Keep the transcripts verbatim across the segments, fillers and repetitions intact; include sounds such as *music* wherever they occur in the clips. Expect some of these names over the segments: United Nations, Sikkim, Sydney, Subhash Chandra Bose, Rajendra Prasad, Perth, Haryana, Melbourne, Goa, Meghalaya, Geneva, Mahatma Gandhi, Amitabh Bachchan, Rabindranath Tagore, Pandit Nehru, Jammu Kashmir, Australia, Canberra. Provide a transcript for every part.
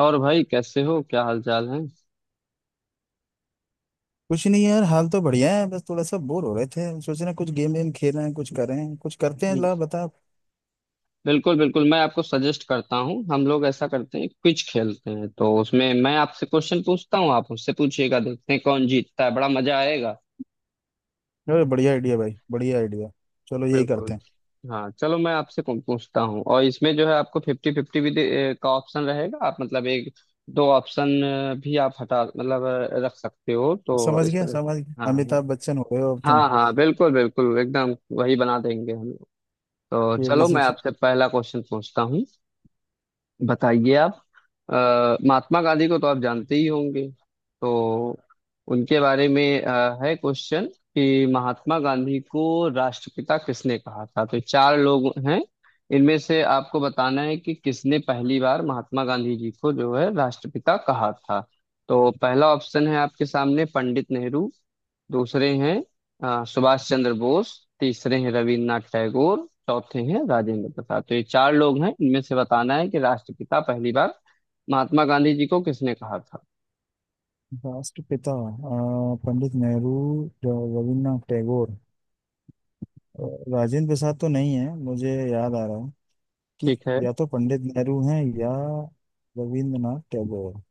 और भाई, कैसे हो? क्या हाल चाल है? कुछ नहीं यार, हाल तो बढ़िया है। बस थोड़ा सा बोर हो रहे थे, सोच रहे हैं कुछ गेम वेम खेल रहे हैं, कुछ कर रहे हैं, कुछ करते हैं, ला बता। बिल्कुल बिल्कुल, मैं आपको सजेस्ट करता हूँ। हम लोग ऐसा करते हैं, क्विज खेलते हैं। तो उसमें मैं आपसे क्वेश्चन पूछता हूँ, आप मुझसे पूछिएगा। देखते हैं कौन जीतता है, बड़ा मजा आएगा। अरे बढ़िया आइडिया भाई, बढ़िया आइडिया। चलो यही करते बिल्कुल। हैं। हाँ चलो, मैं आपसे कौन पूछता हूँ, और इसमें जो है, आपको फिफ्टी फिफ्टी भी दे- ए, का ऑप्शन रहेगा। आप मतलब एक दो ऑप्शन अ, भी आप हटा मतलब अ, रख सकते हो। तो समझ इस गया तरह से। समझ गया, हाँ अमिताभ बच्चन हो गए हो अब तुम। हाँ हाँ, बिल्कुल बिल्कुल, एकदम वही बना देंगे हम लोग। तो चलो, केबीसी। मैं आपसे पहला क्वेश्चन पूछता हूँ। बताइए आप। अ, महात्मा गांधी को तो आप जानते ही होंगे। तो उनके बारे में अ, है क्वेश्चन, कि महात्मा गांधी को राष्ट्रपिता किसने कहा था। तो चार लोग हैं, इनमें से आपको बताना है कि किसने पहली बार महात्मा गांधी जी को जो है राष्ट्रपिता कहा था। तो पहला ऑप्शन है आपके सामने पंडित नेहरू। दूसरे हैं अ, सुभाष चंद्र बोस। तीसरे हैं रविन्द्रनाथ टैगोर। चौथे हैं राजेंद्र प्रसाद। तो ये चार लोग हैं, इनमें से बताना है कि राष्ट्रपिता पहली बार महात्मा गांधी जी को किसने कहा था। राष्ट्रपिता, अ, पंडित नेहरू, जो रविन्द्रनाथ टैगोर, अ, राजेंद्र प्रसाद तो नहीं है, मुझे याद आ रहा है कि ठीक है। या तो पंडित नेहरू हैं या रविन्द्रनाथ टैगोर।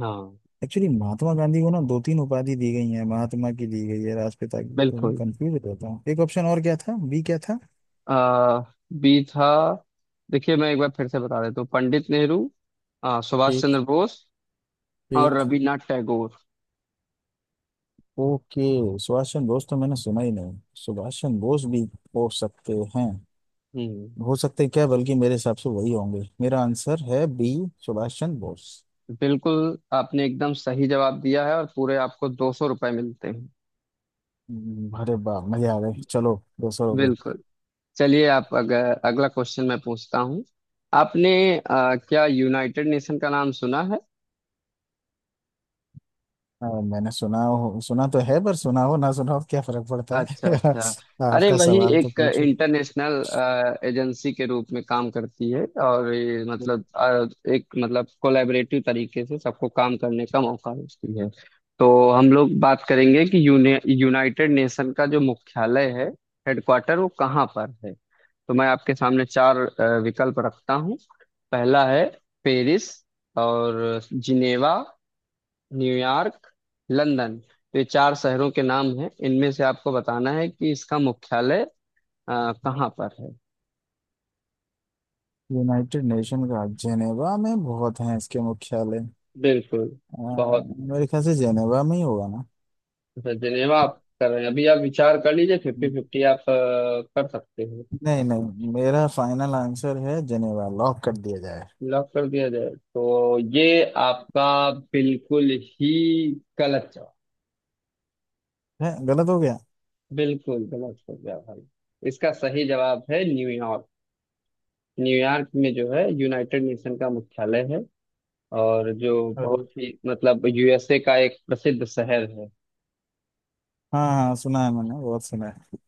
हाँ। एक्चुअली महात्मा गांधी को ना दो तीन उपाधि दी गई है, महात्मा की दी गई है, राष्ट्रपिता की, तो मैं बिल्कुल। कंफ्यूज रहता हूँ। एक ऑप्शन और क्या था, बी क्या था? आ, बी था। देखिए, मैं एक बार फिर से बता देता हूँ। पंडित नेहरू, अ, सुभाष ठीक। चंद्र बोस, और ठीक। रविन्द्रनाथ टैगोर। ओके। सुभाष चंद्र बोस तो मैंने सुना ही नहीं। सुभाष चंद्र बोस भी हो सकते हैं। हम्म। हो सकते हैं क्या, बल्कि मेरे हिसाब से वही होंगे। मेरा आंसर है बी, सुभाष चंद्र बोस। बिल्कुल, आपने एकदम सही जवाब दिया है। और पूरे आपको दो सौ रुपये मिलते हैं। हम्म, अरे वाह, मजा आ गए। चलो, दो सौ रुपये। बिल्कुल। चलिए, आप अगर अगला क्वेश्चन मैं पूछता हूँ। आपने अ, क्या यूनाइटेड नेशन का नाम सुना है? अ, मैंने सुना हो, सुना तो है, पर सुना हो ना सुना हो क्या फर्क पड़ता अच्छा है। अच्छा। *laughs* अरे आपका वही सवाल तो एक पूछो। इंटरनेशनल एजेंसी के रूप में काम करती है, और ये मतलब अ, एक मतलब कोलैबोरेटिव तरीके से सबको काम करने का मौका देती है। तो हम लोग बात करेंगे कि यूने यूनाइटेड नेशन का जो मुख्यालय है, हेडक्वार्टर, वो कहाँ पर है। तो मैं आपके सामने चार अ, विकल्प रखता हूँ। पहला है पेरिस, और जिनेवा, न्यूयॉर्क, लंदन। तो ये चार शहरों के नाम हैं, इनमें से आपको बताना है कि इसका मुख्यालय अ, कहाँ पर है। यूनाइटेड नेशन का जेनेवा में बहुत हैं इसके मुख्यालय। बिल्कुल। अ, बहुत मेरे ख्याल से जेनेवा में ही होगा ना। अच्छा, जिनेवा आप कर रहे हैं। अभी आप विचार कर लीजिए, फिफ्टी फिफ्टी आप अ, कर सकते हो। नहीं नहीं, मेरा फाइनल आंसर है जेनेवा, लॉक कर दिया जाए। लॉक कर दिया जाए, तो ये आपका बिल्कुल ही गलत जवाब। है, गलत हो गया। बिल्कुल गलत हो गया भाई। इसका सही जवाब है न्यूयॉर्क। न्यूयॉर्क में जो है यूनाइटेड नेशन का मुख्यालय है। और जो अरे बहुत ही मतलब यूएसए का एक प्रसिद्ध शहर है। हाँ हाँ, सुना है, मैंने बहुत सुना है।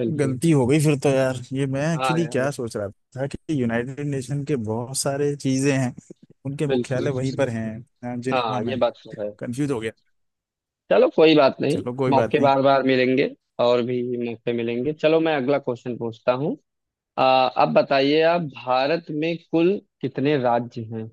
बिल्कुल। गलती हो गई फिर तो यार। ये मैं हाँ एक्चुअली क्या यार, सोच रहा था कि यूनाइटेड नेशन के बहुत सारे चीजें हैं, उनके बिल्कुल। मुख्यालय वहीं पर हैं अ, हाँ जिनेवा में। ये बात तो है। कंफ्यूज हो गया। चलो कोई बात नहीं। चलो कोई मौके बात नहीं। बार बार मिलेंगे, और भी मौके मिलेंगे। चलो, मैं अगला क्वेश्चन पूछता हूँ। आ, अब बताइए, आप भारत में कुल कितने राज्य हैं।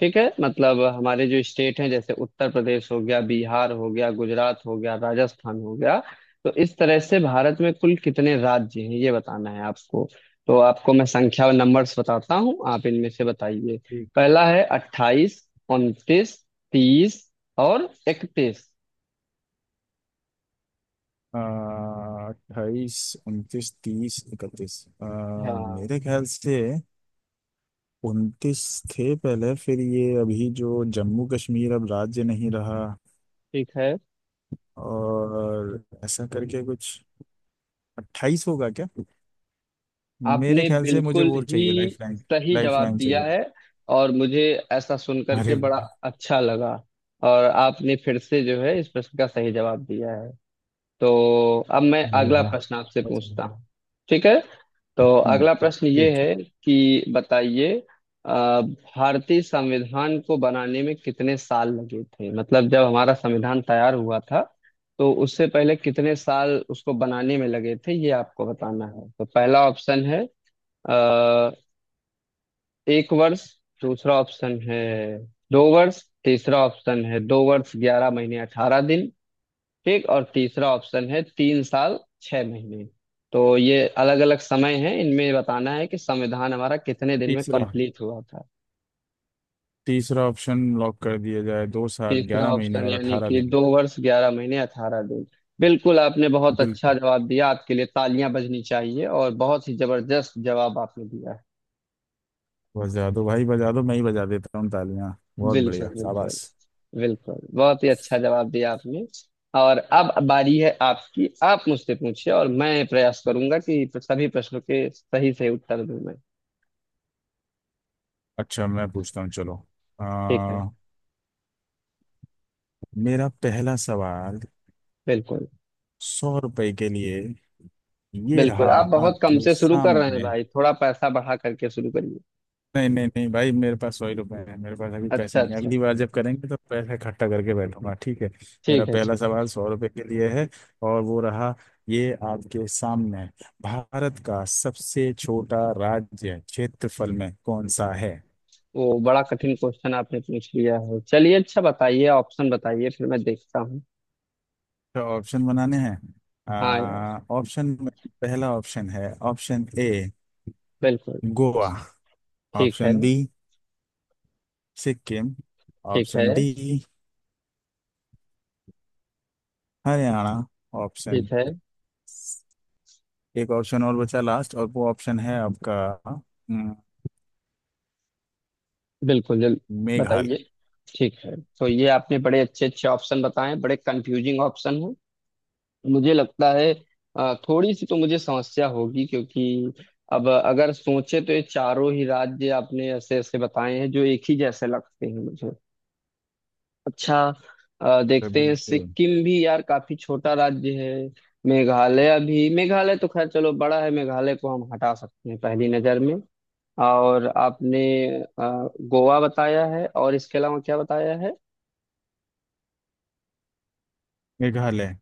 ठीक है, मतलब हमारे जो स्टेट हैं, जैसे उत्तर प्रदेश हो गया, बिहार हो गया, गुजरात हो गया, राजस्थान हो गया। तो इस तरह से भारत में कुल कितने राज्य हैं, ये बताना है आपको। तो आपको मैं संख्या और नंबर्स बताता हूँ, आप इनमें से बताइए। पहला है अट्ठाईस, उनतीस, तीस, और इकतीस। अट्ठाईस, उनतीस, तीस, इकतीस। Ah, हाँ। मेरे ख्याल से उनतीस थे पहले, फिर ये अभी जो जम्मू कश्मीर अब राज्य नहीं रहा ठीक है। और ऐसा करके कुछ अट्ठाईस होगा क्या? मेरे आपने ख्याल से मुझे बिल्कुल वो ही चाहिए लाइफ लाइन, सही लाइफ जवाब लाइन दिया चाहिए। है, और मुझे ऐसा सुन करके अरे बड़ा वाह। अच्छा लगा। और आपने फिर से जो है इस प्रश्न का सही जवाब दिया है। तो अब मैं अरे अगला वाह, प्रश्न आपसे अच्छा। पूछता हूँ। ठीक है। तो हम्म, अगला प्रश्न ये ठीक। है कि बताइए, अ, भारतीय संविधान को बनाने में कितने साल लगे थे। मतलब जब हमारा संविधान तैयार हुआ था, तो उससे पहले कितने साल उसको बनाने में लगे थे, ये आपको बताना है। तो पहला ऑप्शन है अ, एक वर्ष। दूसरा ऑप्शन है दो वर्ष। तीसरा ऑप्शन है दो वर्ष ग्यारह महीने अठारह दिन। ठीक। और तीसरा ऑप्शन है तीन साल छह महीने। तो ये अलग अलग समय है, इनमें बताना है कि संविधान हमारा कितने दिन में तीसरा। कंप्लीट हुआ था। तीसरा ऑप्शन लॉक कर दिया जाए, दो साल तीसरा ग्यारह महीने ऑप्शन और यानी अठारह कि दिन दो वर्ष ग्यारह महीने अठारह दिन। बिल्कुल, आपने बहुत अच्छा बिल्कुल। जवाब दिया। आपके लिए तालियां बजनी चाहिए, और बहुत ही जबरदस्त जवाब आपने दिया है। बजा दो भाई बजा दो, मैं ही बजा देता हूँ तालियां। बहुत बिल्कुल बढ़िया, बिल्कुल। शाबाश। बिल्कुल बहुत ही अच्छा जवाब दिया आपने। और अब बारी है आपकी, आप मुझसे पूछिए, और मैं प्रयास करूंगा कि सभी प्रश्नों के सही से उत्तर दूं मैं। अच्छा, मैं पूछता हूँ, चलो। ठीक है। आ, मेरा पहला सवाल बिल्कुल। सौ रुपए के लिए, ये रहा बिल्कुल, आप बहुत कम आपके से शुरू कर रहे हैं सामने। भाई। थोड़ा पैसा बढ़ा करके शुरू करिए। नहीं नहीं नहीं भाई, मेरे पास सौ ही रुपए हैं, मेरे पास अभी अच्छा पैसे नहीं हैं। अच्छा। अगली बार जब करेंगे तो पैसे इकट्ठा करके बैठूंगा, ठीक है। मेरा ठीक है पहला ठीक है। सवाल सौ रुपए के लिए है और वो रहा, ये आपके सामने। भारत का सबसे छोटा राज्य क्षेत्रफल में कौन सा है? वो बड़ा कठिन क्वेश्चन आपने पूछ लिया है। चलिए अच्छा, बताइए, ऑप्शन बताइए फिर मैं देखता हूँ। तो ऑप्शन बनाने हैं। हाँ यार। आ, ऑप्शन में पहला ऑप्शन है ऑप्शन ए बिल्कुल। गोवा, ठीक है। ऑप्शन बी सिक्किम, ठीक है। Option D Haryana. ऑप्शन, ठीक है। एक ऑप्शन और बचा लास्ट, और वो ऑप्शन है आपका। हम्म, बिल्कुल जल। मेघालय। बताइए। ठीक है, तो ये आपने बड़े अच्छे अच्छे ऑप्शन बताए, बड़े कंफ्यूजिंग ऑप्शन हैं मुझे लगता है। अ, थोड़ी सी तो मुझे समस्या होगी, क्योंकि अब अगर सोचे तो ये चारों ही राज्य आपने ऐसे ऐसे बताए हैं जो एक ही जैसे लगते हैं मुझे। अच्छा। अ, तो देखते हैं, बिल्कुल, सिक्किम भी यार काफी छोटा राज्य है, मेघालय भी। मेघालय तो खैर चलो बड़ा है, मेघालय को हम हटा सकते हैं पहली नजर में। और आपने अ, गोवा बताया है, और इसके अलावा क्या बताया है? मेघालय।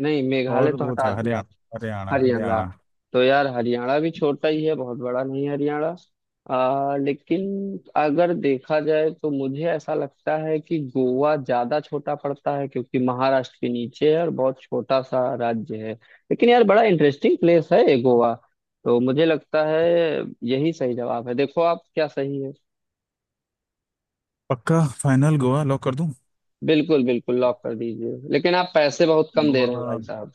नहीं, मेघालय और तो वो हटा था दिया। हरियाणा, हरियाणा हरियाणा। हरियाणा। तो यार हरियाणा भी छोटा ही है, बहुत बड़ा नहीं है हरियाणा। अ, लेकिन अगर देखा जाए, तो मुझे ऐसा लगता है कि गोवा ज्यादा छोटा पड़ता है, क्योंकि महाराष्ट्र के नीचे है और बहुत छोटा सा राज्य है। लेकिन यार बड़ा इंटरेस्टिंग प्लेस है ये गोवा। तो मुझे लगता है यही सही जवाब है। देखो आप क्या सही है। पक्का फाइनल गोवा लॉक कर दूं? बिल्कुल बिल्कुल, लॉक कर दीजिए। लेकिन आप पैसे बहुत कम दे रहे गोवा। हैं भाई साहब।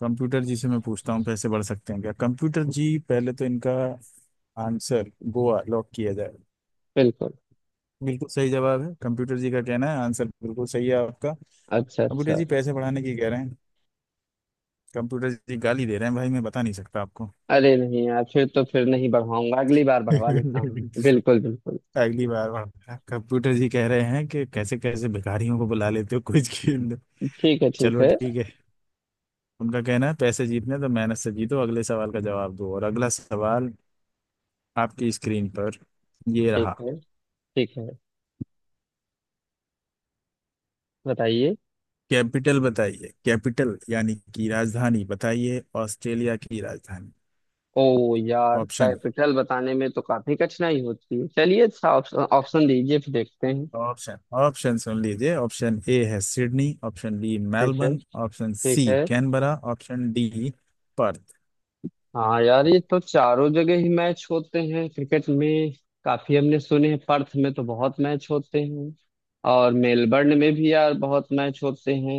कंप्यूटर जी से मैं पूछता हूँ, पैसे बढ़ सकते हैं क्या कंप्यूटर जी? पहले तो इनका आंसर गोवा लॉक किया जाए। बिल्कुल। बिल्कुल सही जवाब है, कंप्यूटर जी का कहना है आंसर बिल्कुल सही है आपका। अच्छा कंप्यूटर अच्छा। जी पैसे बढ़ाने की कह रहे हैं। कंप्यूटर जी गाली दे रहे हैं भाई, मैं बता नहीं सकता आपको। अरे नहीं यार, फिर तो फिर नहीं बढ़वाऊंगा, अगली बार बढ़वा लेता हूँ। *laughs* बिल्कुल बिल्कुल। अगली बार बढ़ते हैं। कंप्यूटर जी कह रहे हैं कि कैसे कैसे भिखारियों को बुला लेते हो, कुछ खेल लो। ठीक है ठीक चलो है। ठीक है। उनका कहना है पैसे जीतने तो मेहनत से जीतो, अगले सवाल का जवाब दो। और अगला सवाल आपकी स्क्रीन पर, ये ठीक रहा। है ठीक है। बताइए। कैपिटल बताइए, कैपिटल यानी कि राजधानी बताइए, ऑस्ट्रेलिया की राजधानी। ओ यार, ऑप्शन, कैपिटल बताने में तो काफी कठिनाई होती है। चलिए अच्छा, ऑप्शन ऑप्शन दीजिए फिर देखते हैं। ऑप्शन, ऑप्शन सुन लीजिए। ऑप्शन ए है सिडनी, ऑप्शन बी ठीक है। मेलबर्न, ऑप्शन ठीक सी है। Canberra, option D Perth. हाँ यार, ये तो चारों जगह ही मैच होते हैं क्रिकेट में। काफी हमने सुने हैं, पर्थ में तो बहुत मैच होते हैं, और मेलबर्न में भी यार बहुत मैच होते हैं।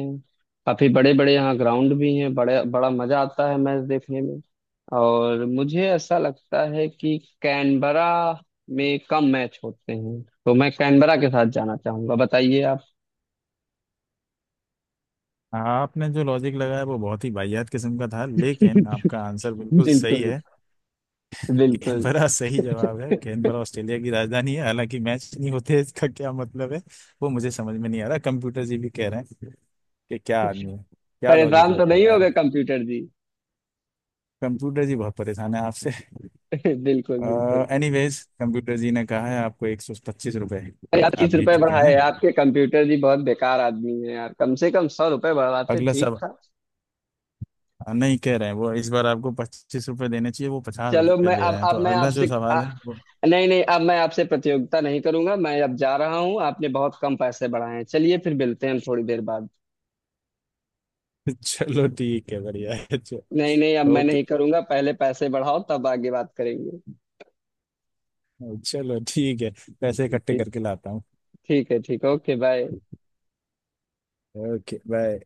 काफी बड़े बड़े यहाँ ग्राउंड भी हैं बड़े, बड़ा मजा आता है मैच देखने में। और मुझे ऐसा लगता है कि कैनबरा में कम मैच होते हैं, तो मैं कैनबरा के साथ जाना चाहूंगा। बताइए आप। आपने जो लॉजिक लगाया वो बहुत ही वाहियात किस्म का था, *laughs* लेकिन आपका आंसर बिल्कुल सही बिल्कुल है। बिल्कुल। कैनबरा सही जवाब है, कैनबरा ऑस्ट्रेलिया की राजधानी है। हालांकि मैच नहीं होते, इसका क्या मतलब है वो मुझे समझ में नहीं आ रहा। कंप्यूटर जी भी कह रहे हैं कि क्या आदमी है, क्या लॉजिक परेशान तो नहीं लगाया होगा है। कंप्यूटर जी? कंप्यूटर जी बहुत परेशान है आपसे। *laughs* बिल्कुल बिल्कुल। एनीवेज, कंप्यूटर जी ने कहा है आपको एक सौ पच्चीस रुपये, अरे, आप आप तीस जीत रुपए चुके बढ़ाए? हैं। आपके कंप्यूटर जी बहुत बेकार आदमी है यार, कम से कम सौ रुपए बढ़ाते अगला ठीक सब, था। नहीं, कह रहे हैं वो इस बार आपको पच्चीस रुपये देने चाहिए, वो पचास चलो रुपये मैं दे अब रहे हैं तो अब मैं अगला जो आपसे आ, सवाल है वो नहीं नहीं, अब मैं आपसे प्रतियोगिता नहीं करूंगा, मैं अब जा रहा हूँ। आपने बहुत कम पैसे बढ़ाए हैं। चलिए, फिर मिलते हैं थोड़ी देर बाद। *laughs* चलो ठीक है, बढ़िया है, चलो। नहीं नहीं, अब मैं ओके, नहीं करूंगा। पहले पैसे बढ़ाओ तब आगे बात करेंगे। चलो ठीक है, पैसे इकट्ठे ठीक। करके लाता हूँ। ठीक है। ठीक। Okay bye. Okay bye.